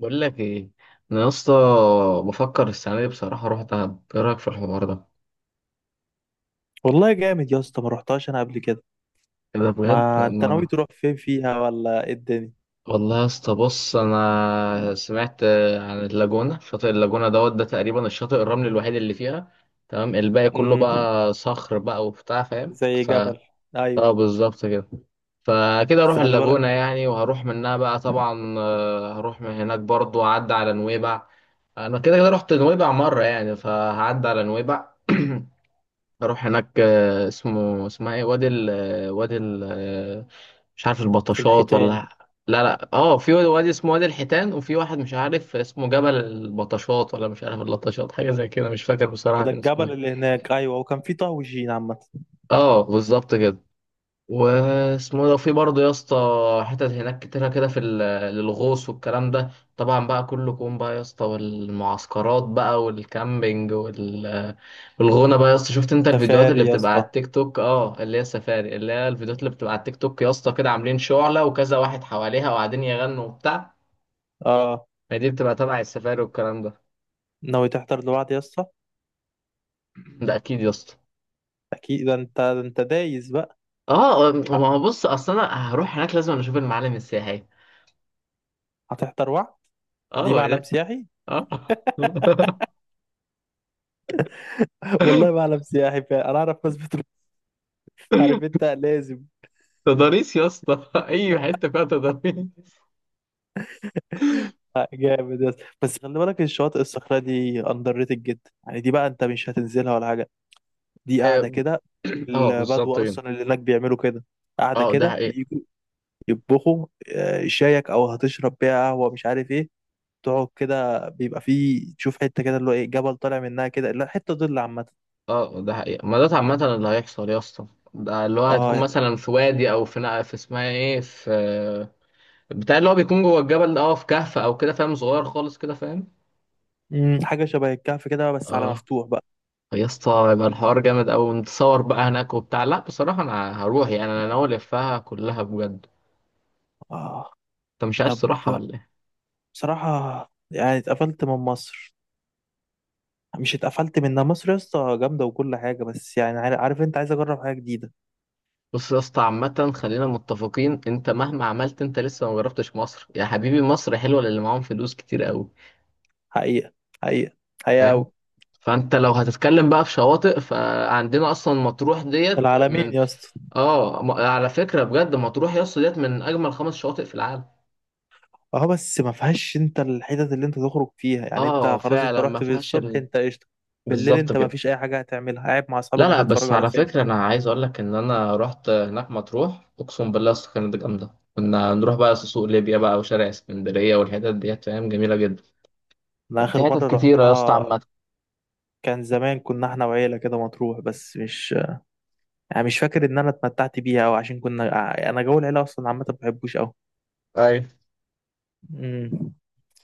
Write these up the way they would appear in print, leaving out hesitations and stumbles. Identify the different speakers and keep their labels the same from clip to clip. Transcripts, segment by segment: Speaker 1: بقول لك ايه، انا يا اسطى بفكر السنه دي بصراحه اروح دهب. ايه رايك في الحوار ده؟
Speaker 2: والله جامد يا اسطى ما رحتهاش انا قبل كده.
Speaker 1: إيه ده بجد؟
Speaker 2: ما انت ناوي
Speaker 1: ما
Speaker 2: تروح فين فيها ولا ايه الدنيا؟
Speaker 1: والله يا اسطى بص انا سمعت عن اللاجونه، شاطئ اللاجونه دوت ده تقريبا الشاطئ الرملي الوحيد اللي فيها. تمام، الباقي كله
Speaker 2: امم،
Speaker 1: بقى صخر بقى وبتاع، فاهم؟
Speaker 2: زي
Speaker 1: ف
Speaker 2: جبل. ايوه.
Speaker 1: اه بالظبط كده. فكده
Speaker 2: بس
Speaker 1: اروح
Speaker 2: خلي بالك.
Speaker 1: اللاجونه يعني، وهروح منها بقى طبعا، هروح من هناك برضو اعدي على نويبع. انا كده كده رحت نويبع مره يعني، فهعدي على نويبع، اروح هناك. اسمه اسمها ايه؟ وادي ال وادي ال مش عارف
Speaker 2: في
Speaker 1: البطشات
Speaker 2: الحيتان.
Speaker 1: ولا. لا اه، في وادي اسمه وادي الحيتان، وفي واحد مش عارف اسمه جبل البطشات ولا مش عارف اللطشات، حاجه زي كده، مش فاكر بصراحه
Speaker 2: ده
Speaker 1: كان اسمه
Speaker 2: الجبل
Speaker 1: ايه.
Speaker 2: اللي هناك، ايوه، وكان في طاوجين عامه.
Speaker 1: اه بالظبط كده. واسمه إيه ده في برضه يا اسطى؟ حتت هناك كتيرة كده في للغوص والكلام ده. طبعا بقى كلكم بقى يا اسطى، والمعسكرات بقى والكامبينج والغونة بقى يا اسطى. شفت انت الفيديوهات اللي
Speaker 2: سفاري يا
Speaker 1: بتبقى على
Speaker 2: اسطى.
Speaker 1: التيك توك؟ اه اللي هي السفاري، اللي هي الفيديوهات اللي بتبقى على التيك توك يا اسطى، كده عاملين شعلة وكذا واحد حواليها وقاعدين يغنوا وبتاع.
Speaker 2: اه.
Speaker 1: ما دي بتبقى تبع السفاري والكلام ده.
Speaker 2: ناوي تحضر لوحد يا اسطى؟
Speaker 1: ده اكيد يا اسطى.
Speaker 2: اكيد، ده انت ده انت دايس بقى.
Speaker 1: اه
Speaker 2: ه-
Speaker 1: ما هو بص، اصل انا هروح هناك لازم أنا اشوف المعالم السياحية.
Speaker 2: هتحضر وعد.
Speaker 1: اه
Speaker 2: دي
Speaker 1: ما
Speaker 2: معلم
Speaker 1: ده
Speaker 2: سياحي.
Speaker 1: اه.
Speaker 2: والله معلم سياحي فعلا، انا اعرف ناس بتروح. عارف انت لازم.
Speaker 1: تضاريس يا اسطى اي حته فيها تضاريس.
Speaker 2: جامد يا اسطى، بس خلي بالك الشواطئ الصخرة دي اندر ريتد جدا، يعني دي بقى انت مش هتنزلها ولا حاجه، دي قاعدة
Speaker 1: اه
Speaker 2: كده. البدو
Speaker 1: بالظبط كده.
Speaker 2: أصلا اللي هناك بيعملوا كده، قاعدة
Speaker 1: اه ده
Speaker 2: كده،
Speaker 1: حقيقة.
Speaker 2: يجوا يطبخوا. شايك أو هتشرب بيها قهوة مش عارف إيه. تقعد كده، بيبقى فيه تشوف حتة كده اللي هو إيه، جبل طالع منها كده، لا حتة ظل عامة.
Speaker 1: اه ده حقيقة، ما ده عامة اللي هيحصل يا اسطى. ده اللي هو هتكون
Speaker 2: آه.
Speaker 1: مثلا في وادي او في في اسمها ايه، في بتاع اللي هو بيكون جوه الجبل ده، اه في كهف او كده فاهم، صغير خالص كده فاهم.
Speaker 2: حاجة شبه الكهف كده بس على
Speaker 1: اه
Speaker 2: مفتوح بقى.
Speaker 1: يا اسطى، يبقى الحوار جامد اوي، نتصور بقى هناك وبتاع. لا بصراحة انا هروح يعني، انا ناوي الفها كلها بجد.
Speaker 2: آه.
Speaker 1: انت مش عايز
Speaker 2: طب
Speaker 1: تروحها ولا إيه؟
Speaker 2: بصراحة يعني اتقفلت من مصر. مش اتقفلت منها، مصر يا اسطى جامدة وكل حاجة، بس يعني عارف، عارف أنت، عايز أجرب حاجة جديدة.
Speaker 1: بص يا اسطى عامة، خلينا متفقين، انت مهما عملت انت لسه ما جربتش مصر يا حبيبي. مصر حلوة للي معاهم فلوس كتير قوي،
Speaker 2: حقيقة. حقيقة. حقيقة
Speaker 1: فاهم؟
Speaker 2: أوي.
Speaker 1: فانت لو هتتكلم بقى في شواطئ، فعندنا اصلا مطروح ديت
Speaker 2: العالمين
Speaker 1: من
Speaker 2: يا اسطى.
Speaker 1: اه على فكرة بجد، مطروح يا اسطى ديت من اجمل خمس شواطئ في العالم.
Speaker 2: اه بس ما فيهاش انت الحتت اللي انت تخرج فيها، يعني
Speaker 1: اه
Speaker 2: انت خلاص انت
Speaker 1: فعلا ما
Speaker 2: رحت
Speaker 1: فيهاش
Speaker 2: بالصبح
Speaker 1: ال...
Speaker 2: انت قشطه. بالليل
Speaker 1: بالظبط
Speaker 2: انت ما
Speaker 1: كده.
Speaker 2: فيش اي حاجه هتعملها، قاعد مع اصحابك
Speaker 1: لا
Speaker 2: بتتفرج
Speaker 1: بس
Speaker 2: على
Speaker 1: على
Speaker 2: فيلم.
Speaker 1: فكرة انا عايز اقول لك ان انا رحت هناك مطروح، اقسم بالله يا اسطى كانت جامدة. كنا نروح بقى سوق ليبيا بقى وشارع اسكندرية والحتت ديت، فاهم، جميلة جدا.
Speaker 2: انا
Speaker 1: في
Speaker 2: اخر مره
Speaker 1: حتت كتيرة يا اسطى
Speaker 2: رحتها
Speaker 1: عامة.
Speaker 2: كان زمان، كنا احنا وعيله كده مطروح، بس مش، يعني مش فاكر ان انا اتمتعت بيها، او عشان كنا، انا جو العيله اصلا عامه ما بحبوش قوي.
Speaker 1: ايوه.
Speaker 2: امم.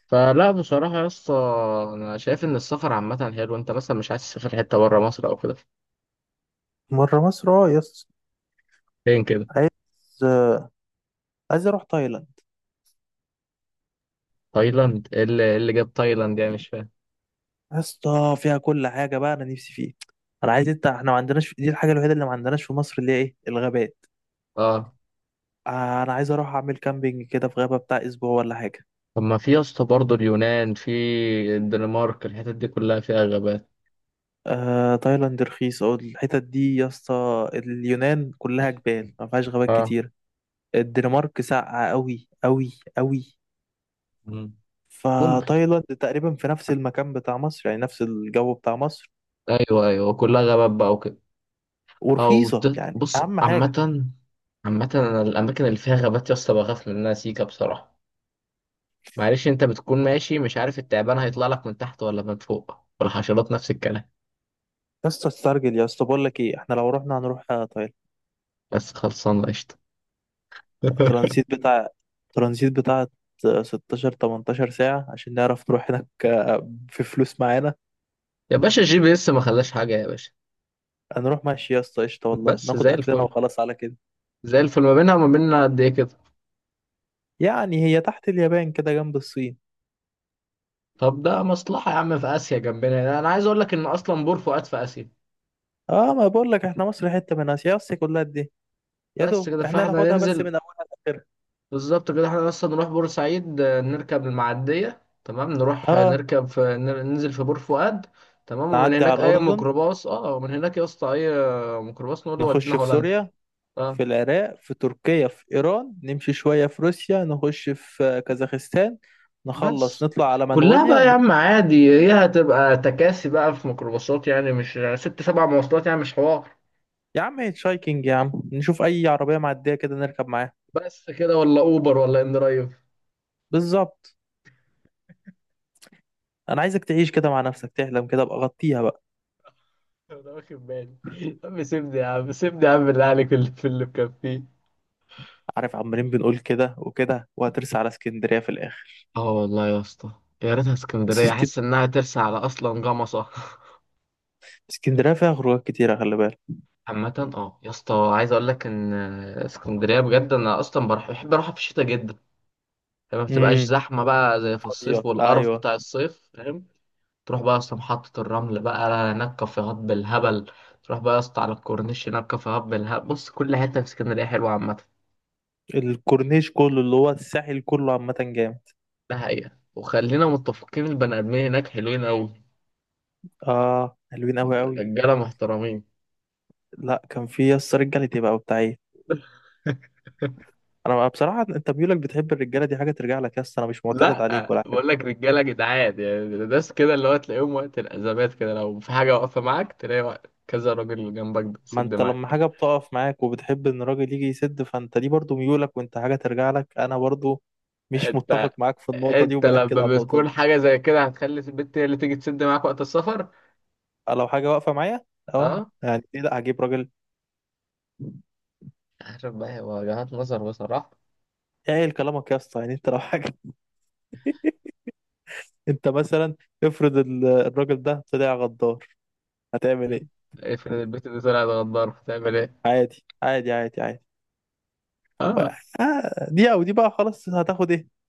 Speaker 1: فلا بصراحة يا اسطى، أنا شايف إن السفر عامة حلو. أنت مثلا مش عايز تسافر حتة بره مصر أو كده؟
Speaker 2: مره، مصر، اه يس.
Speaker 1: فين كده؟
Speaker 2: عايز عايز اروح تايلاند.
Speaker 1: تايلاند؟ إيه اللي، إيه اللي جاب تايلاند يعني مش فاهم.
Speaker 2: يا اسطى فيها كل حاجه بقى، انا نفسي فيه. انا عايز، انت احنا ما عندناش، دي الحاجه الوحيده اللي ما عندناش في مصر، اللي هي ايه، الغابات.
Speaker 1: أه،
Speaker 2: انا عايز اروح اعمل كامبينج كده في غابة بتاع اسبوع ولا حاجة.
Speaker 1: طب ما في يا اسطى برضه اليونان، في الدنمارك، الحتت دي كلها فيها غابات.
Speaker 2: تايلاند رخيص او الحتت دي يا اسطى، اليونان كلها جبال ما فيهاش غابات
Speaker 1: أه.
Speaker 2: كتير. الدنمارك ساقعة قوي قوي قوي.
Speaker 1: مم. ممكن.
Speaker 2: فتايلاند تقريبا في نفس المكان بتاع مصر، يعني نفس الجو بتاع مصر.
Speaker 1: أيوه أيوه كلها غابات بقى وكده. أو
Speaker 2: ورخيصة يعني،
Speaker 1: بص
Speaker 2: اهم حاجة.
Speaker 1: عامة، عامة أنا الأماكن اللي فيها غابات يا اسطى بخاف منها سيكا بصراحة. معلش انت بتكون ماشي مش عارف التعبان هيطلع لك من تحت ولا من فوق، والحشرات نفس الكلام.
Speaker 2: يا اسطى استرجل يا اسطى، بقول لك ايه، احنا لو رحنا هنروح تايلاند.
Speaker 1: بس خلصانه قشطه.
Speaker 2: ترانزيت بتاع ترانزيت بتاع 16 18 ساعة عشان نعرف نروح هناك، في فلوس معانا.
Speaker 1: يا باشا الجي بي اس ما خلاش حاجه يا باشا.
Speaker 2: هنروح ماشي يا اسطى قشطة والله،
Speaker 1: بس
Speaker 2: ناخد
Speaker 1: زي
Speaker 2: أكلنا
Speaker 1: الفل.
Speaker 2: وخلاص على كده.
Speaker 1: زي الفل، ما بينها وما بيننا قد ايه كده؟
Speaker 2: يعني هي تحت اليابان كده جنب الصين.
Speaker 1: طب ده مصلحه يا عم، في اسيا جنبنا. انا عايز اقول لك ان اصلا بور فؤاد في اسيا.
Speaker 2: اه ما بقول لك احنا مصر حتة من آسيا، آسيا كلها دي يا
Speaker 1: بس
Speaker 2: دوب
Speaker 1: كده
Speaker 2: احنا
Speaker 1: فاحنا
Speaker 2: ناخدها بس من
Speaker 1: ننزل.
Speaker 2: أولها لآخرها.
Speaker 1: بالظبط كده، احنا اصلا نروح بورسعيد، نركب المعديه، تمام، نروح،
Speaker 2: اه
Speaker 1: نركب في ننزل في بور فؤاد. تمام، ومن
Speaker 2: نعدي على
Speaker 1: هناك اي
Speaker 2: الأردن،
Speaker 1: ميكروباص، اه ومن هناك يا اسطى اي ميكروباص نقول له ودينا
Speaker 2: نخش في
Speaker 1: هولندا.
Speaker 2: سوريا،
Speaker 1: اه.
Speaker 2: في العراق، في تركيا، في إيران، نمشي شوية في روسيا، نخش في كازاخستان، نخلص
Speaker 1: بس
Speaker 2: نطلع على
Speaker 1: كلها
Speaker 2: منغوليا
Speaker 1: بقى يا
Speaker 2: نروح.
Speaker 1: عم عادي، هي هتبقى تكاسي بقى في ميكروباصات يعني، مش يعني ست سبع مواصلات، يعني مش حوار.
Speaker 2: يا عم هيتشايكنج يا عم، نشوف أي عربية معدية كده نركب معاها.
Speaker 1: بس كده ولا اوبر ولا ان درايف.
Speaker 2: بالظبط. أنا عايزك تعيش كده مع نفسك، تحلم كده، أبقى غطيها بقى.
Speaker 1: انا واخد بالي يا عم، سيبني يا عم، سيبني يا عم، بالله عليك اللي في اللي مكفيه.
Speaker 2: عارف عمالين بنقول كده وكده وهترسى على اسكندرية في الآخر.
Speaker 1: اه والله يا اسطى. يا ريتها
Speaker 2: بس
Speaker 1: اسكندريه، احس انها ترسى على اصلا جمصه
Speaker 2: اسكندرية فيها خروجات كتيرة خلي بالك.
Speaker 1: عامة اه يا اسطى، عايز اقول لك ان اسكندريه بجد انا اصلا بروح، بحب اروحها في الشتاء جدا، لما ما بتبقاش
Speaker 2: امم.
Speaker 1: زحمه بقى زي في الصيف
Speaker 2: فاضية
Speaker 1: والقرف
Speaker 2: أيوة.
Speaker 1: بتاع الصيف، فاهم؟ تروح بقى يا اسطى محطة الرمل بقى، هناك كافيهات بالهبل. تروح بقى يا اسطى على الكورنيش، هناك كافيهات بالهبل. بص كل حتة في اسكندرية حلوة عامة.
Speaker 2: الكورنيش كله اللي هو الساحل كله عامة جامد.
Speaker 1: ده حقيقة، وخلينا متفقين، البني آدمين هناك حلوين أوي.
Speaker 2: آه حلوين أوي أوي.
Speaker 1: رجالة محترمين.
Speaker 2: لا كان في، يس رجالة تبقى بتاع إيه. أنا بقى بصراحة أنت ميولك بتحب الرجالة، دي حاجة ترجع لك، يس أنا مش معترض عليك
Speaker 1: لا
Speaker 2: ولا حاجة.
Speaker 1: بقول لك رجالة جدعان، يعني ناس كده اللي هو تلاقيهم وقت الأزمات كده، لو في حاجة واقفة معاك تلاقي وقت كذا راجل جنبك
Speaker 2: ما
Speaker 1: بتسد
Speaker 2: أنت لما
Speaker 1: معاك.
Speaker 2: حاجة بتقف معاك وبتحب إن الراجل يجي يسد، فأنت دي برضو ميولك وأنت حاجة ترجع لك، أنا برضو مش
Speaker 1: انت
Speaker 2: متفق معاك في النقطة دي
Speaker 1: انت
Speaker 2: وبأكد على
Speaker 1: لما
Speaker 2: النقطة
Speaker 1: بتكون
Speaker 2: دي.
Speaker 1: حاجة زي كده، هتخلي البنت هي اللي تيجي تسد معاك وقت السفر؟
Speaker 2: لو حاجه واقفه معايا اه
Speaker 1: اه.
Speaker 2: يعني ليه لا، هجيب راجل.
Speaker 1: عارف بقى، هي وجهات نظر بصراحة.
Speaker 2: ايه كلامك يا اسطى؟ يعني انت لو حاجه، انت مثلا افرض الراجل ده طلع غدار هتعمل
Speaker 1: مم.
Speaker 2: ايه؟
Speaker 1: افرض البت دي طلعت غدار، بتعمل ايه؟
Speaker 2: عادي عادي عادي عادي. بقى
Speaker 1: اه.
Speaker 2: دي او دي بقى خلاص، هتاخد ايه؟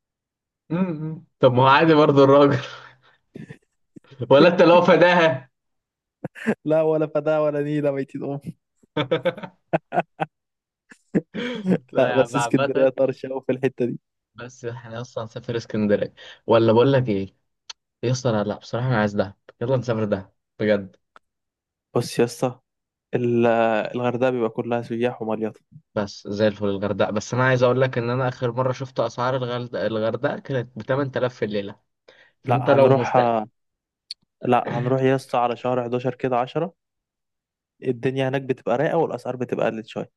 Speaker 1: امم، طب ما هو عادي برضه الراجل ولا انت لو فداها؟
Speaker 2: لا ولا فدا ولا نيله ميتين ام.
Speaker 1: لا
Speaker 2: لا
Speaker 1: يا عم
Speaker 2: بس اسكندريه
Speaker 1: عامة.
Speaker 2: طرشه قوي في الحته دي.
Speaker 1: بس احنا اصلا هنسافر اسكندرية، ولا بقول لك ايه؟ يا اسطى لا بصراحة انا عايز دهب، يلا نسافر دهب، بجد.
Speaker 2: بص يا اسطى، ال- الغردقه بيبقى كلها سياح ومليطه.
Speaker 1: بس زي الفل الغردقة، بس انا عايز اقول لك ان انا اخر مرة شفت اسعار الغردقة كانت ب 8000 في الليلة. فانت
Speaker 2: لا
Speaker 1: لو
Speaker 2: هنروح
Speaker 1: مست
Speaker 2: لا هنروح يا اسطى على شهر 11 كده، 10 الدنيا هناك بتبقى رايقه والاسعار بتبقى قلت شويه.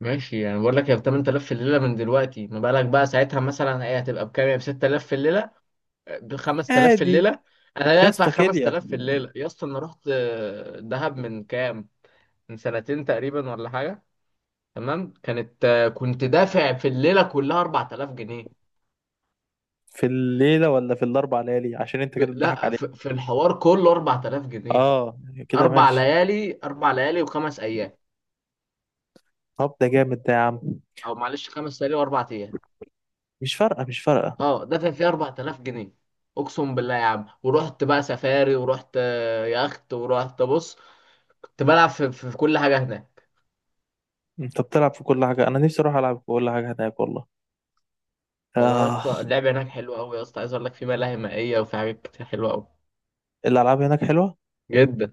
Speaker 1: ماشي، يعني بقول لك هي ب 8000 في الليله من دلوقتي، ما بالك بقى ساعتها؟ مثلا هي هتبقى بكام؟ يعني ب 6000 في الليله، ب 5000 في
Speaker 2: عادي.
Speaker 1: الليله؟ انا لا
Speaker 2: يا
Speaker 1: ادفع
Speaker 2: اسطى كيليا،
Speaker 1: 5000 في الليله يا اسطى. انا رحت دهب من كام، من سنتين تقريبا ولا حاجه، تمام، كانت كنت دافع في الليله كلها 4000 جنيه.
Speaker 2: في الليلة ولا في الأربع ليالي؟ عشان أنت
Speaker 1: ف-
Speaker 2: كده تضحك
Speaker 1: لا
Speaker 2: عليك.
Speaker 1: ف- في الحوار كله 4000 جنيه.
Speaker 2: آه يعني كده
Speaker 1: اربع
Speaker 2: ماشي.
Speaker 1: ليالي، اربع ليالي وخمس ايام،
Speaker 2: طب ده جامد ده يا عم.
Speaker 1: او معلش خمس ليالي واربع ايام،
Speaker 2: مش فارقة مش فارقة.
Speaker 1: اه دافع فيه 4000 جنيه، اقسم بالله يا عم. ورحت بقى سفاري، ورحت يخت، ورحت بص، كنت بلعب في كل حاجه هناك.
Speaker 2: أنت بتلعب في كل حاجة، أنا نفسي أروح ألعب في كل حاجة هناك والله.
Speaker 1: والله يا
Speaker 2: آه
Speaker 1: اسطى اللعبه هناك حلوه قوي يا اسطى. عايز اقول لك في ملاهي مائيه وفي حاجات كتير حلوه قوي
Speaker 2: الألعاب هناك حلوة،
Speaker 1: جدا.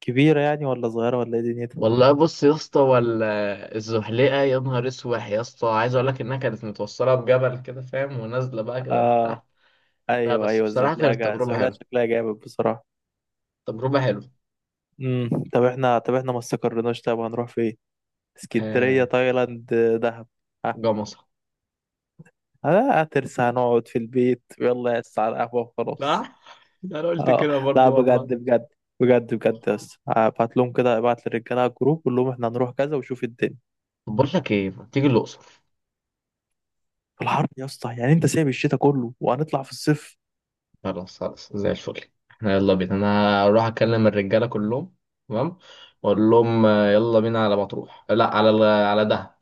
Speaker 2: كبيرة يعني ولا صغيرة ولا إيه دنيتها؟
Speaker 1: والله بص يا اسطى، ولا الزحليقه يا نهار اسوح يا اسطى، عايز اقول لك انها كانت متوصله بجبل كده فاهم، ونازله بقى كده من تحت.
Speaker 2: آه
Speaker 1: لا
Speaker 2: أيوه
Speaker 1: بس
Speaker 2: أيوه
Speaker 1: بصراحه
Speaker 2: الزحلية،
Speaker 1: كانت
Speaker 2: جا
Speaker 1: تجربه
Speaker 2: الزحلية
Speaker 1: حلوه،
Speaker 2: شكلها جامد بصراحة.
Speaker 1: تجربه حلوه.
Speaker 2: امم، طب احنا، طب احنا ما استقرناش، طب هنروح فين؟ اسكندرية،
Speaker 1: آه،
Speaker 2: تايلاند، دهب، ها؟
Speaker 1: جمصه.
Speaker 2: آه. هترسى هنقعد في البيت، يلا يا على القهوة وخلاص.
Speaker 1: صح انا قلت
Speaker 2: اه.
Speaker 1: كده
Speaker 2: لا
Speaker 1: برضو والله.
Speaker 2: بجد بجد، بجد بجد يا اسطى ابعت لهم كده، ابعت للرجاله على الجروب قول لهم احنا هنروح كذا وشوف الدنيا.
Speaker 1: بقول لك ايه، ما تيجي الاقصر؟
Speaker 2: في الحر يا اسطى؟ يعني انت سايب الشتاء كله وهنطلع في الصيف.
Speaker 1: خلاص خلاص زي الفل، احنا يلا بينا، انا اروح اكلم الرجاله كلهم، تمام، واقول لهم يلا بينا على مطروح، لا على على دهب.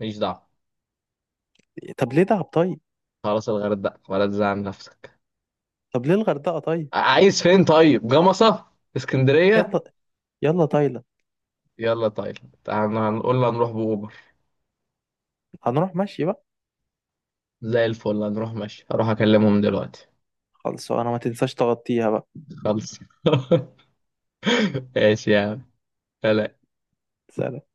Speaker 1: ماليش دعوه.
Speaker 2: طب ليه دهب طيب؟
Speaker 1: خلاص الغردقه، ولا تزعل نفسك.
Speaker 2: طب ليه الغردقه طيب؟
Speaker 1: عايز فين؟ طيب جمصه. اسكندريه.
Speaker 2: يلا. يلا تايلاند.
Speaker 1: يلا تايلاند. هنقول له هنروح باوبر.
Speaker 2: هنروح ماشي بقى.
Speaker 1: زي الفل، هنروح ماشي، هروح اكلمهم دلوقتي.
Speaker 2: خلص، انا ما تنساش تغطيها بقى.
Speaker 1: خلص. ماشي يا عم. سلام.
Speaker 2: سلام.